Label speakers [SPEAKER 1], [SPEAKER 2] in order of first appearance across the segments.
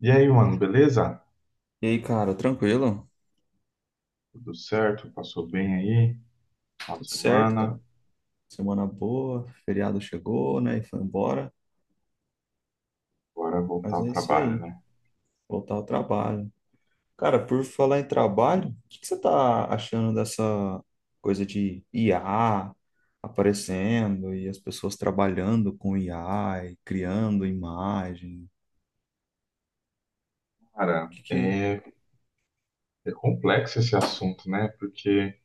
[SPEAKER 1] E aí, mano, beleza?
[SPEAKER 2] E aí, cara, tranquilo?
[SPEAKER 1] Tudo certo? Passou bem aí? Final de
[SPEAKER 2] Tudo certo,
[SPEAKER 1] semana?
[SPEAKER 2] cara. Semana boa, feriado chegou, né? E foi embora.
[SPEAKER 1] Agora é voltar
[SPEAKER 2] Mas
[SPEAKER 1] ao
[SPEAKER 2] é isso
[SPEAKER 1] trabalho,
[SPEAKER 2] aí,
[SPEAKER 1] né?
[SPEAKER 2] voltar ao trabalho. Cara, por falar em trabalho, o que você tá achando dessa coisa de IA aparecendo e as pessoas trabalhando com IA e criando imagem? O
[SPEAKER 1] Cara,
[SPEAKER 2] que que...
[SPEAKER 1] é complexo esse assunto, né? Porque,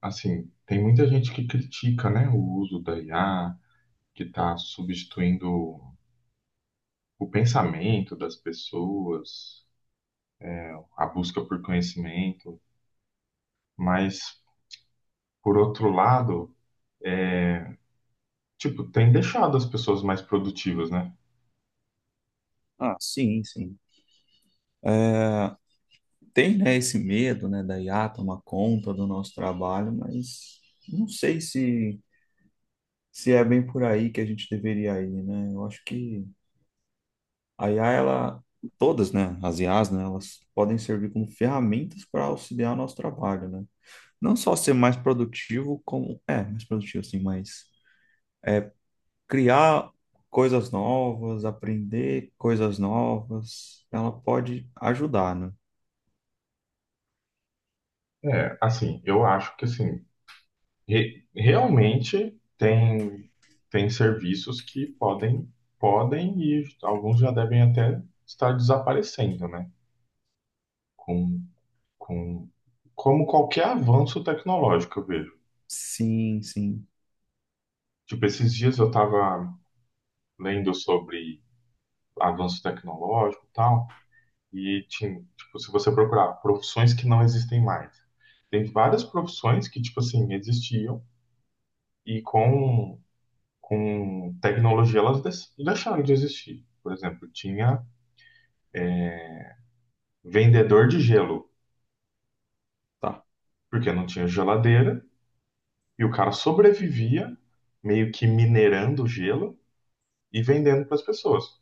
[SPEAKER 1] assim, tem muita gente que critica, né, o uso da IA, que está substituindo o pensamento das pessoas, a busca por conhecimento. Mas, por outro lado, tipo, tem deixado as pessoas mais produtivas, né?
[SPEAKER 2] Ah, sim, sim. Tem, né, esse medo, né, da IA tomar conta do nosso trabalho, mas não sei se é bem por aí que a gente deveria ir, né? Eu acho que a IA, ela, todas, né, as IAs, né, elas podem servir como ferramentas para auxiliar o nosso trabalho, né? Não só ser mais produtivo, como, mais produtivo, assim, mas criar coisas novas, aprender coisas novas, ela pode ajudar, né?
[SPEAKER 1] É, assim, eu acho que, assim, realmente tem serviços que podem e alguns já devem até estar desaparecendo, né? Com, com, como qualquer avanço tecnológico, eu vejo.
[SPEAKER 2] Sim, sim,
[SPEAKER 1] Tipo, esses dias eu estava lendo sobre avanço tecnológico e tal, e tinha, tipo, se você procurar profissões que não existem mais, tem várias profissões que, tipo assim, existiam e com tecnologia, elas deixaram de existir. Por exemplo, tinha vendedor de gelo,
[SPEAKER 2] tá,
[SPEAKER 1] porque não tinha geladeira, e o cara sobrevivia meio que minerando o gelo e vendendo para as pessoas.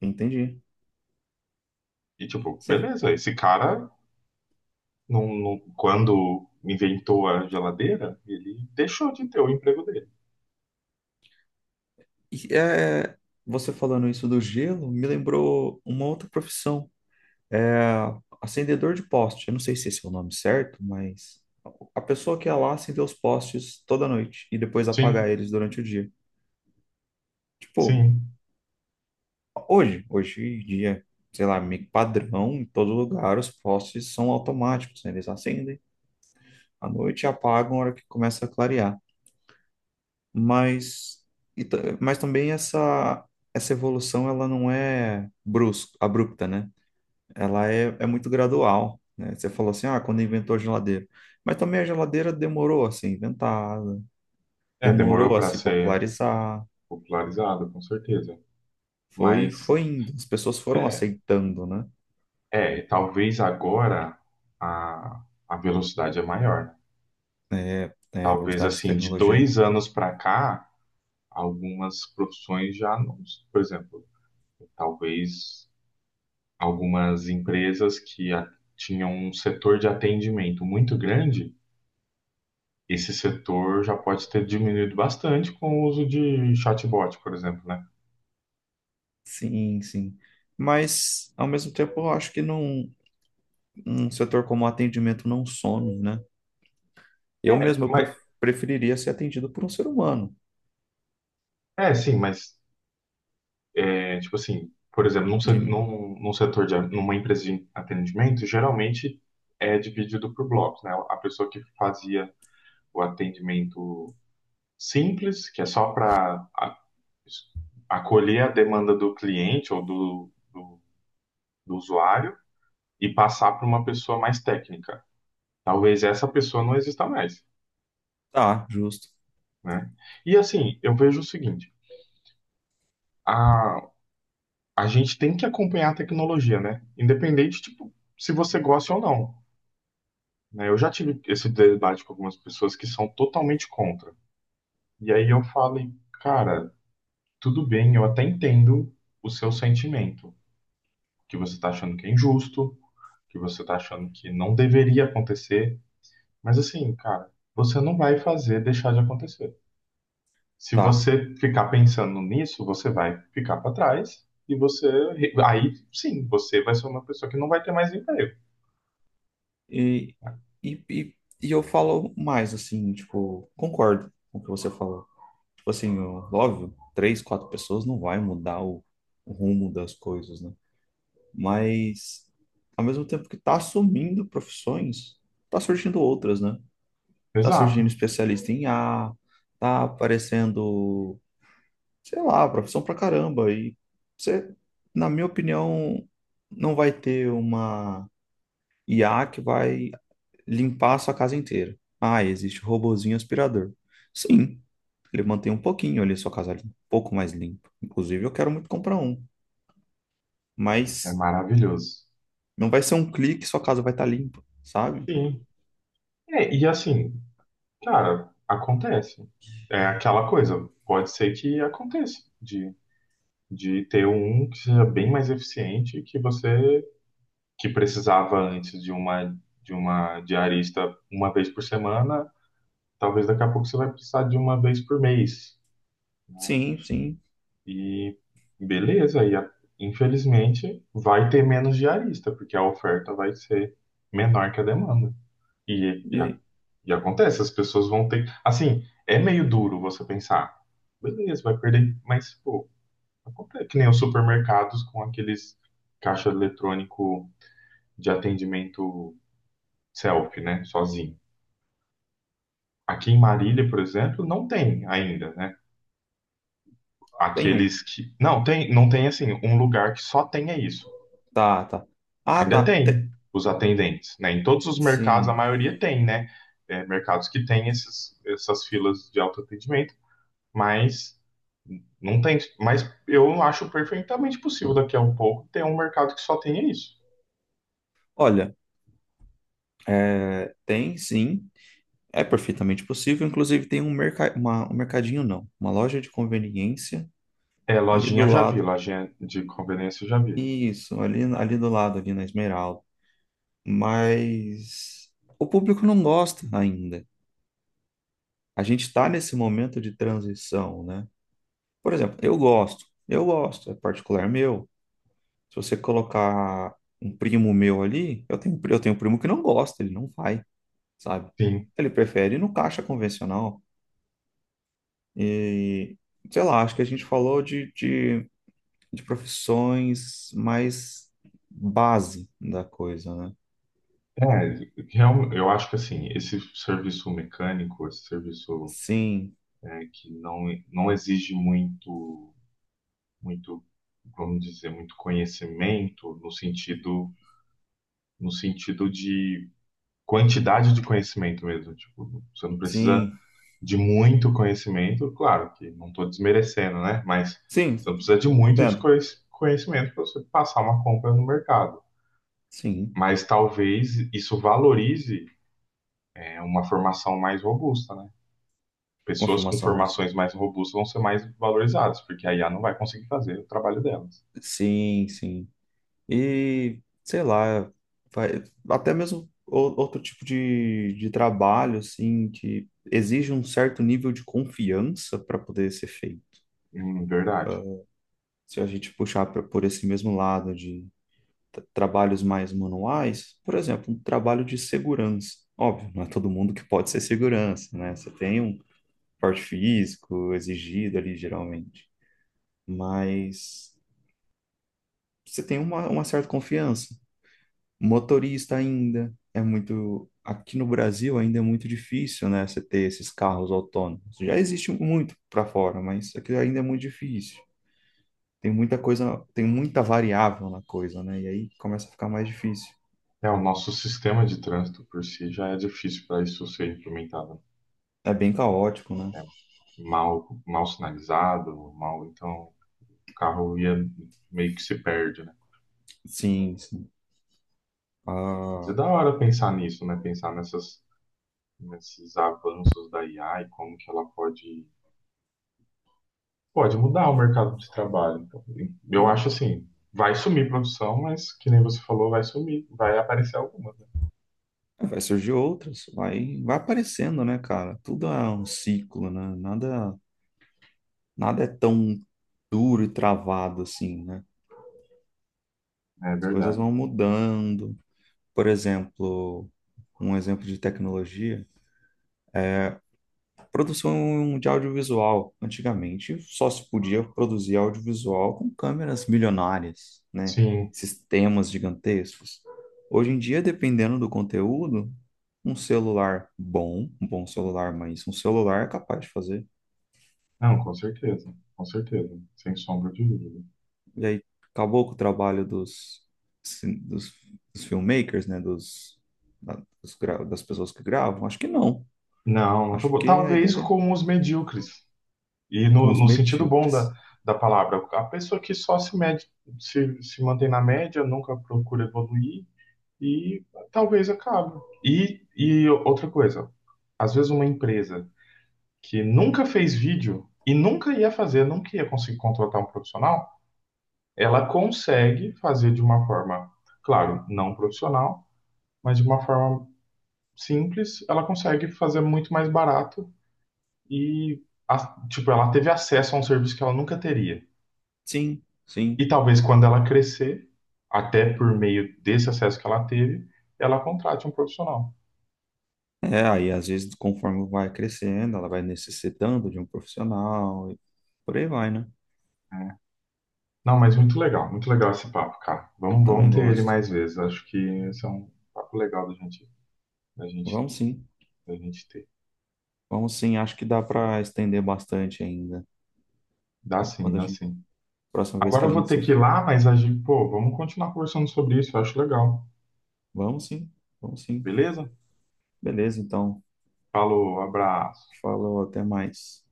[SPEAKER 2] entendi.
[SPEAKER 1] E tipo,
[SPEAKER 2] Você,
[SPEAKER 1] beleza, esse cara, quando inventou a geladeira, ele deixou de ter o emprego dele.
[SPEAKER 2] e, é, você falando isso do gelo me lembrou uma outra profissão. É, acendedor de poste. Eu não sei se esse é o nome certo, mas a pessoa que ia lá acender os postes toda noite e depois apagar
[SPEAKER 1] Sim,
[SPEAKER 2] eles durante o dia. Tipo,
[SPEAKER 1] sim.
[SPEAKER 2] hoje em dia, sei lá, meio que padrão, em todo lugar os postes são automáticos, né? Eles acendem à noite e apagam na hora que começa a clarear. Mas, mas também essa evolução ela não é brusca, abrupta, né? Ela é muito gradual, né? Você falou assim, ah, quando inventou a geladeira. Mas também a geladeira demorou a ser inventada,
[SPEAKER 1] É, demorou
[SPEAKER 2] demorou a
[SPEAKER 1] para
[SPEAKER 2] se
[SPEAKER 1] ser
[SPEAKER 2] popularizar,
[SPEAKER 1] popularizado, com certeza. Mas,
[SPEAKER 2] foi indo, as pessoas foram
[SPEAKER 1] é,
[SPEAKER 2] aceitando, né?
[SPEAKER 1] Talvez agora a velocidade é maior, né?
[SPEAKER 2] A
[SPEAKER 1] Talvez
[SPEAKER 2] velocidade de
[SPEAKER 1] assim, de
[SPEAKER 2] tecnologia.
[SPEAKER 1] 2 anos para cá, algumas profissões já não. Por exemplo, talvez algumas empresas tinham um setor de atendimento muito grande, esse setor já pode ter diminuído bastante com o uso de chatbot, por exemplo, né?
[SPEAKER 2] Sim, sim. Mas, ao mesmo tempo, eu acho que um setor como atendimento não some, né? Eu
[SPEAKER 1] É,
[SPEAKER 2] mesmo eu
[SPEAKER 1] mas,
[SPEAKER 2] preferiria ser atendido por um ser humano.
[SPEAKER 1] é sim, mas é, tipo assim, por exemplo, num, se-
[SPEAKER 2] De,
[SPEAKER 1] num, num setor de, numa empresa de atendimento, geralmente é dividido por blocos, né? A pessoa que fazia o atendimento simples, que é só para acolher a demanda do cliente ou do usuário e passar para uma pessoa mais técnica. Talvez essa pessoa não exista mais,
[SPEAKER 2] tá, justo.
[SPEAKER 1] né? E assim, eu vejo o seguinte, a, a gente tem que acompanhar a tecnologia, né? Independente, tipo, se você gosta ou não, né? Eu já tive esse debate com algumas pessoas que são totalmente contra. E aí eu falei, cara, tudo bem, eu até entendo o seu sentimento, que você tá achando que é injusto, que você tá achando que não deveria acontecer, mas assim, cara, você não vai fazer deixar de acontecer. Se
[SPEAKER 2] Tá.
[SPEAKER 1] você ficar pensando nisso, você vai ficar para trás e você aí sim, você vai ser uma pessoa que não vai ter mais emprego.
[SPEAKER 2] E, e, e, e eu falo mais, assim, tipo, concordo com o que você falou. Tipo assim, ó, óbvio, três, quatro pessoas não vai mudar o rumo das coisas, né? Mas, ao mesmo tempo que tá assumindo profissões, tá surgindo outras, né? Tá surgindo
[SPEAKER 1] Exato.
[SPEAKER 2] especialista em IA, tá aparecendo, sei lá, profissão pra caramba. E você, na minha opinião, não vai ter uma IA que vai limpar a sua casa inteira. Ah, existe o robozinho aspirador. Sim, ele mantém um pouquinho ali a sua casa limpa, um pouco mais limpa. Inclusive, eu quero muito comprar um,
[SPEAKER 1] É
[SPEAKER 2] mas
[SPEAKER 1] maravilhoso.
[SPEAKER 2] não vai ser um clique, e sua casa vai estar limpa, sabe?
[SPEAKER 1] Sim. É, e assim, cara, acontece. É aquela coisa. Pode ser que aconteça de ter um que seja bem mais eficiente que você que precisava antes de uma diarista uma vez por semana. Talvez daqui a pouco você vai precisar de uma vez por mês.
[SPEAKER 2] Sim, sim.
[SPEAKER 1] E beleza, infelizmente vai ter menos diarista, porque a oferta vai ser menor que a demanda. E, e a-
[SPEAKER 2] E
[SPEAKER 1] E acontece, as pessoas vão ter. Assim, é meio duro você pensar, beleza, vai perder, mas, pô, acontece. Que nem os supermercados com aqueles caixa eletrônico de atendimento self, né? Sozinho. Aqui em Marília, por exemplo, não tem ainda, né?
[SPEAKER 2] tem um.
[SPEAKER 1] Aqueles que. Não, tem, não tem assim, um lugar que só tenha isso.
[SPEAKER 2] Tá, tá. Ah,
[SPEAKER 1] Ainda
[SPEAKER 2] tá.
[SPEAKER 1] tem
[SPEAKER 2] Te-.
[SPEAKER 1] os atendentes, né? Em todos os mercados, a
[SPEAKER 2] Sim.
[SPEAKER 1] maioria tem, né? É, mercados que tem esses, essas filas de autoatendimento, mas não tem, mas eu acho perfeitamente possível daqui a um pouco ter um mercado que só tenha isso.
[SPEAKER 2] Olha, é, tem sim. É perfeitamente possível. Inclusive, tem um, merca... uma- um mercadinho, não. Uma loja de conveniência
[SPEAKER 1] É,
[SPEAKER 2] ali
[SPEAKER 1] lojinha
[SPEAKER 2] do
[SPEAKER 1] eu já vi,
[SPEAKER 2] lado.
[SPEAKER 1] lojinha de conveniência eu já vi.
[SPEAKER 2] Isso, ali, ali do lado, ali na Esmeralda. Mas o público não gosta ainda. A gente está nesse momento de transição, né? Por exemplo, eu gosto, é particular meu. Se você colocar um primo meu ali, eu tenho um primo que não gosta, ele não vai, sabe?
[SPEAKER 1] Sim,
[SPEAKER 2] Ele prefere ir no caixa convencional. E, sei lá, acho que a gente falou de profissões mais base da coisa, né?
[SPEAKER 1] é, eu acho que assim, esse serviço mecânico, esse serviço
[SPEAKER 2] Sim,
[SPEAKER 1] é, que não exige muito, muito, vamos dizer, muito conhecimento no sentido, no sentido de quantidade de conhecimento mesmo. Tipo, você não precisa
[SPEAKER 2] sim,
[SPEAKER 1] de muito conhecimento, claro que não estou desmerecendo, né? Mas
[SPEAKER 2] sim,
[SPEAKER 1] você não precisa de muito de
[SPEAKER 2] entendo.
[SPEAKER 1] conhecimento para você passar uma compra no mercado.
[SPEAKER 2] Sim.
[SPEAKER 1] Mas talvez isso valorize, né, uma formação mais robusta, né?
[SPEAKER 2] Uma
[SPEAKER 1] Pessoas com
[SPEAKER 2] formação mais.
[SPEAKER 1] formações mais robustas vão ser mais valorizadas, porque a IA não vai conseguir fazer o trabalho delas.
[SPEAKER 2] Sim, sim. E, sei lá, vai, até mesmo outro tipo de trabalho, assim, que exige um certo nível de confiança para poder ser feito.
[SPEAKER 1] Verdade.
[SPEAKER 2] Ah, se a gente puxar por esse mesmo lado de trabalhos mais manuais, por exemplo, um trabalho de segurança. Óbvio, não é todo mundo que pode ser segurança, né? Você tem um porte físico exigido ali, geralmente. Mas você tem uma certa confiança. Motorista ainda é muito. Aqui no Brasil ainda é muito difícil, né? Você ter esses carros autônomos. Já existe muito para fora, mas aqui ainda é muito difícil. Tem muita coisa, tem muita variável na coisa, né? E aí começa a ficar mais difícil.
[SPEAKER 1] É, o nosso sistema de trânsito por si já é difícil para isso ser implementado.
[SPEAKER 2] É bem caótico, né?
[SPEAKER 1] É mal, mal sinalizado, mal, então o carro ia meio que se perde, né?
[SPEAKER 2] Sim, sim.
[SPEAKER 1] Mas é
[SPEAKER 2] Ah,
[SPEAKER 1] da hora pensar nisso, né? Pensar nessas, nesses avanços da IA e como que ela pode mudar o mercado de trabalho. Então, eu acho
[SPEAKER 2] eu-
[SPEAKER 1] assim, vai sumir produção, mas que nem você falou, vai sumir, vai aparecer alguma, né?
[SPEAKER 2] vai surgir outras, vai aparecendo, né, cara? Tudo é um ciclo, né? Nada é tão duro e travado assim, né?
[SPEAKER 1] É
[SPEAKER 2] As coisas
[SPEAKER 1] verdade.
[SPEAKER 2] vão mudando. Por exemplo, um exemplo de tecnologia, produção de audiovisual. Antigamente, só se podia produzir audiovisual com câmeras milionárias, né?
[SPEAKER 1] Sim,
[SPEAKER 2] Sistemas gigantescos. Hoje em dia, dependendo do conteúdo, um bom celular, mas um celular é capaz de fazer.
[SPEAKER 1] não, com certeza, sem sombra de dúvida.
[SPEAKER 2] E aí, acabou com o trabalho dos, cin- dos, dos filmmakers, né? Dos, das pessoas que gravam? Acho que não.
[SPEAKER 1] Não,
[SPEAKER 2] Acho
[SPEAKER 1] acabou.
[SPEAKER 2] que a
[SPEAKER 1] Talvez
[SPEAKER 2] ideia
[SPEAKER 1] com os medíocres. E
[SPEAKER 2] com
[SPEAKER 1] no,
[SPEAKER 2] os
[SPEAKER 1] no sentido bom da,
[SPEAKER 2] medíocres.
[SPEAKER 1] da palavra, a pessoa que só se mede, se mantém na média, nunca procura evoluir e talvez acabe. E outra coisa, às vezes uma empresa que nunca fez vídeo e nunca ia fazer, nunca ia conseguir contratar um profissional, ela consegue fazer de uma forma, claro, não profissional, mas de uma forma simples, ela consegue fazer muito mais barato e a- tipo, ela teve acesso a um serviço que ela nunca teria.
[SPEAKER 2] Sim,
[SPEAKER 1] E
[SPEAKER 2] sim.
[SPEAKER 1] talvez quando ela crescer, até por meio desse acesso que ela teve, ela contrate um profissional.
[SPEAKER 2] É, aí às vezes, conforme vai crescendo, ela vai necessitando de um profissional e por aí vai, né?
[SPEAKER 1] Não, mas muito legal esse papo, cara. Vamos,
[SPEAKER 2] Também
[SPEAKER 1] vamos ter ele
[SPEAKER 2] gosto.
[SPEAKER 1] mais vezes. Acho que esse é um papo legal da gente,
[SPEAKER 2] Vamos sim,
[SPEAKER 1] da gente ter.
[SPEAKER 2] vamos sim. Acho que dá para estender bastante ainda.
[SPEAKER 1] Dá sim,
[SPEAKER 2] Quando a
[SPEAKER 1] dá
[SPEAKER 2] gente,
[SPEAKER 1] sim.
[SPEAKER 2] próxima vez
[SPEAKER 1] Agora
[SPEAKER 2] que a
[SPEAKER 1] eu vou
[SPEAKER 2] gente
[SPEAKER 1] ter que
[SPEAKER 2] se.
[SPEAKER 1] ir lá, mas a gente, pô, vamos continuar conversando sobre isso. Eu acho legal.
[SPEAKER 2] Vamos sim, vamos sim.
[SPEAKER 1] Beleza?
[SPEAKER 2] Beleza, então.
[SPEAKER 1] Falou, abraço.
[SPEAKER 2] Falou, até mais.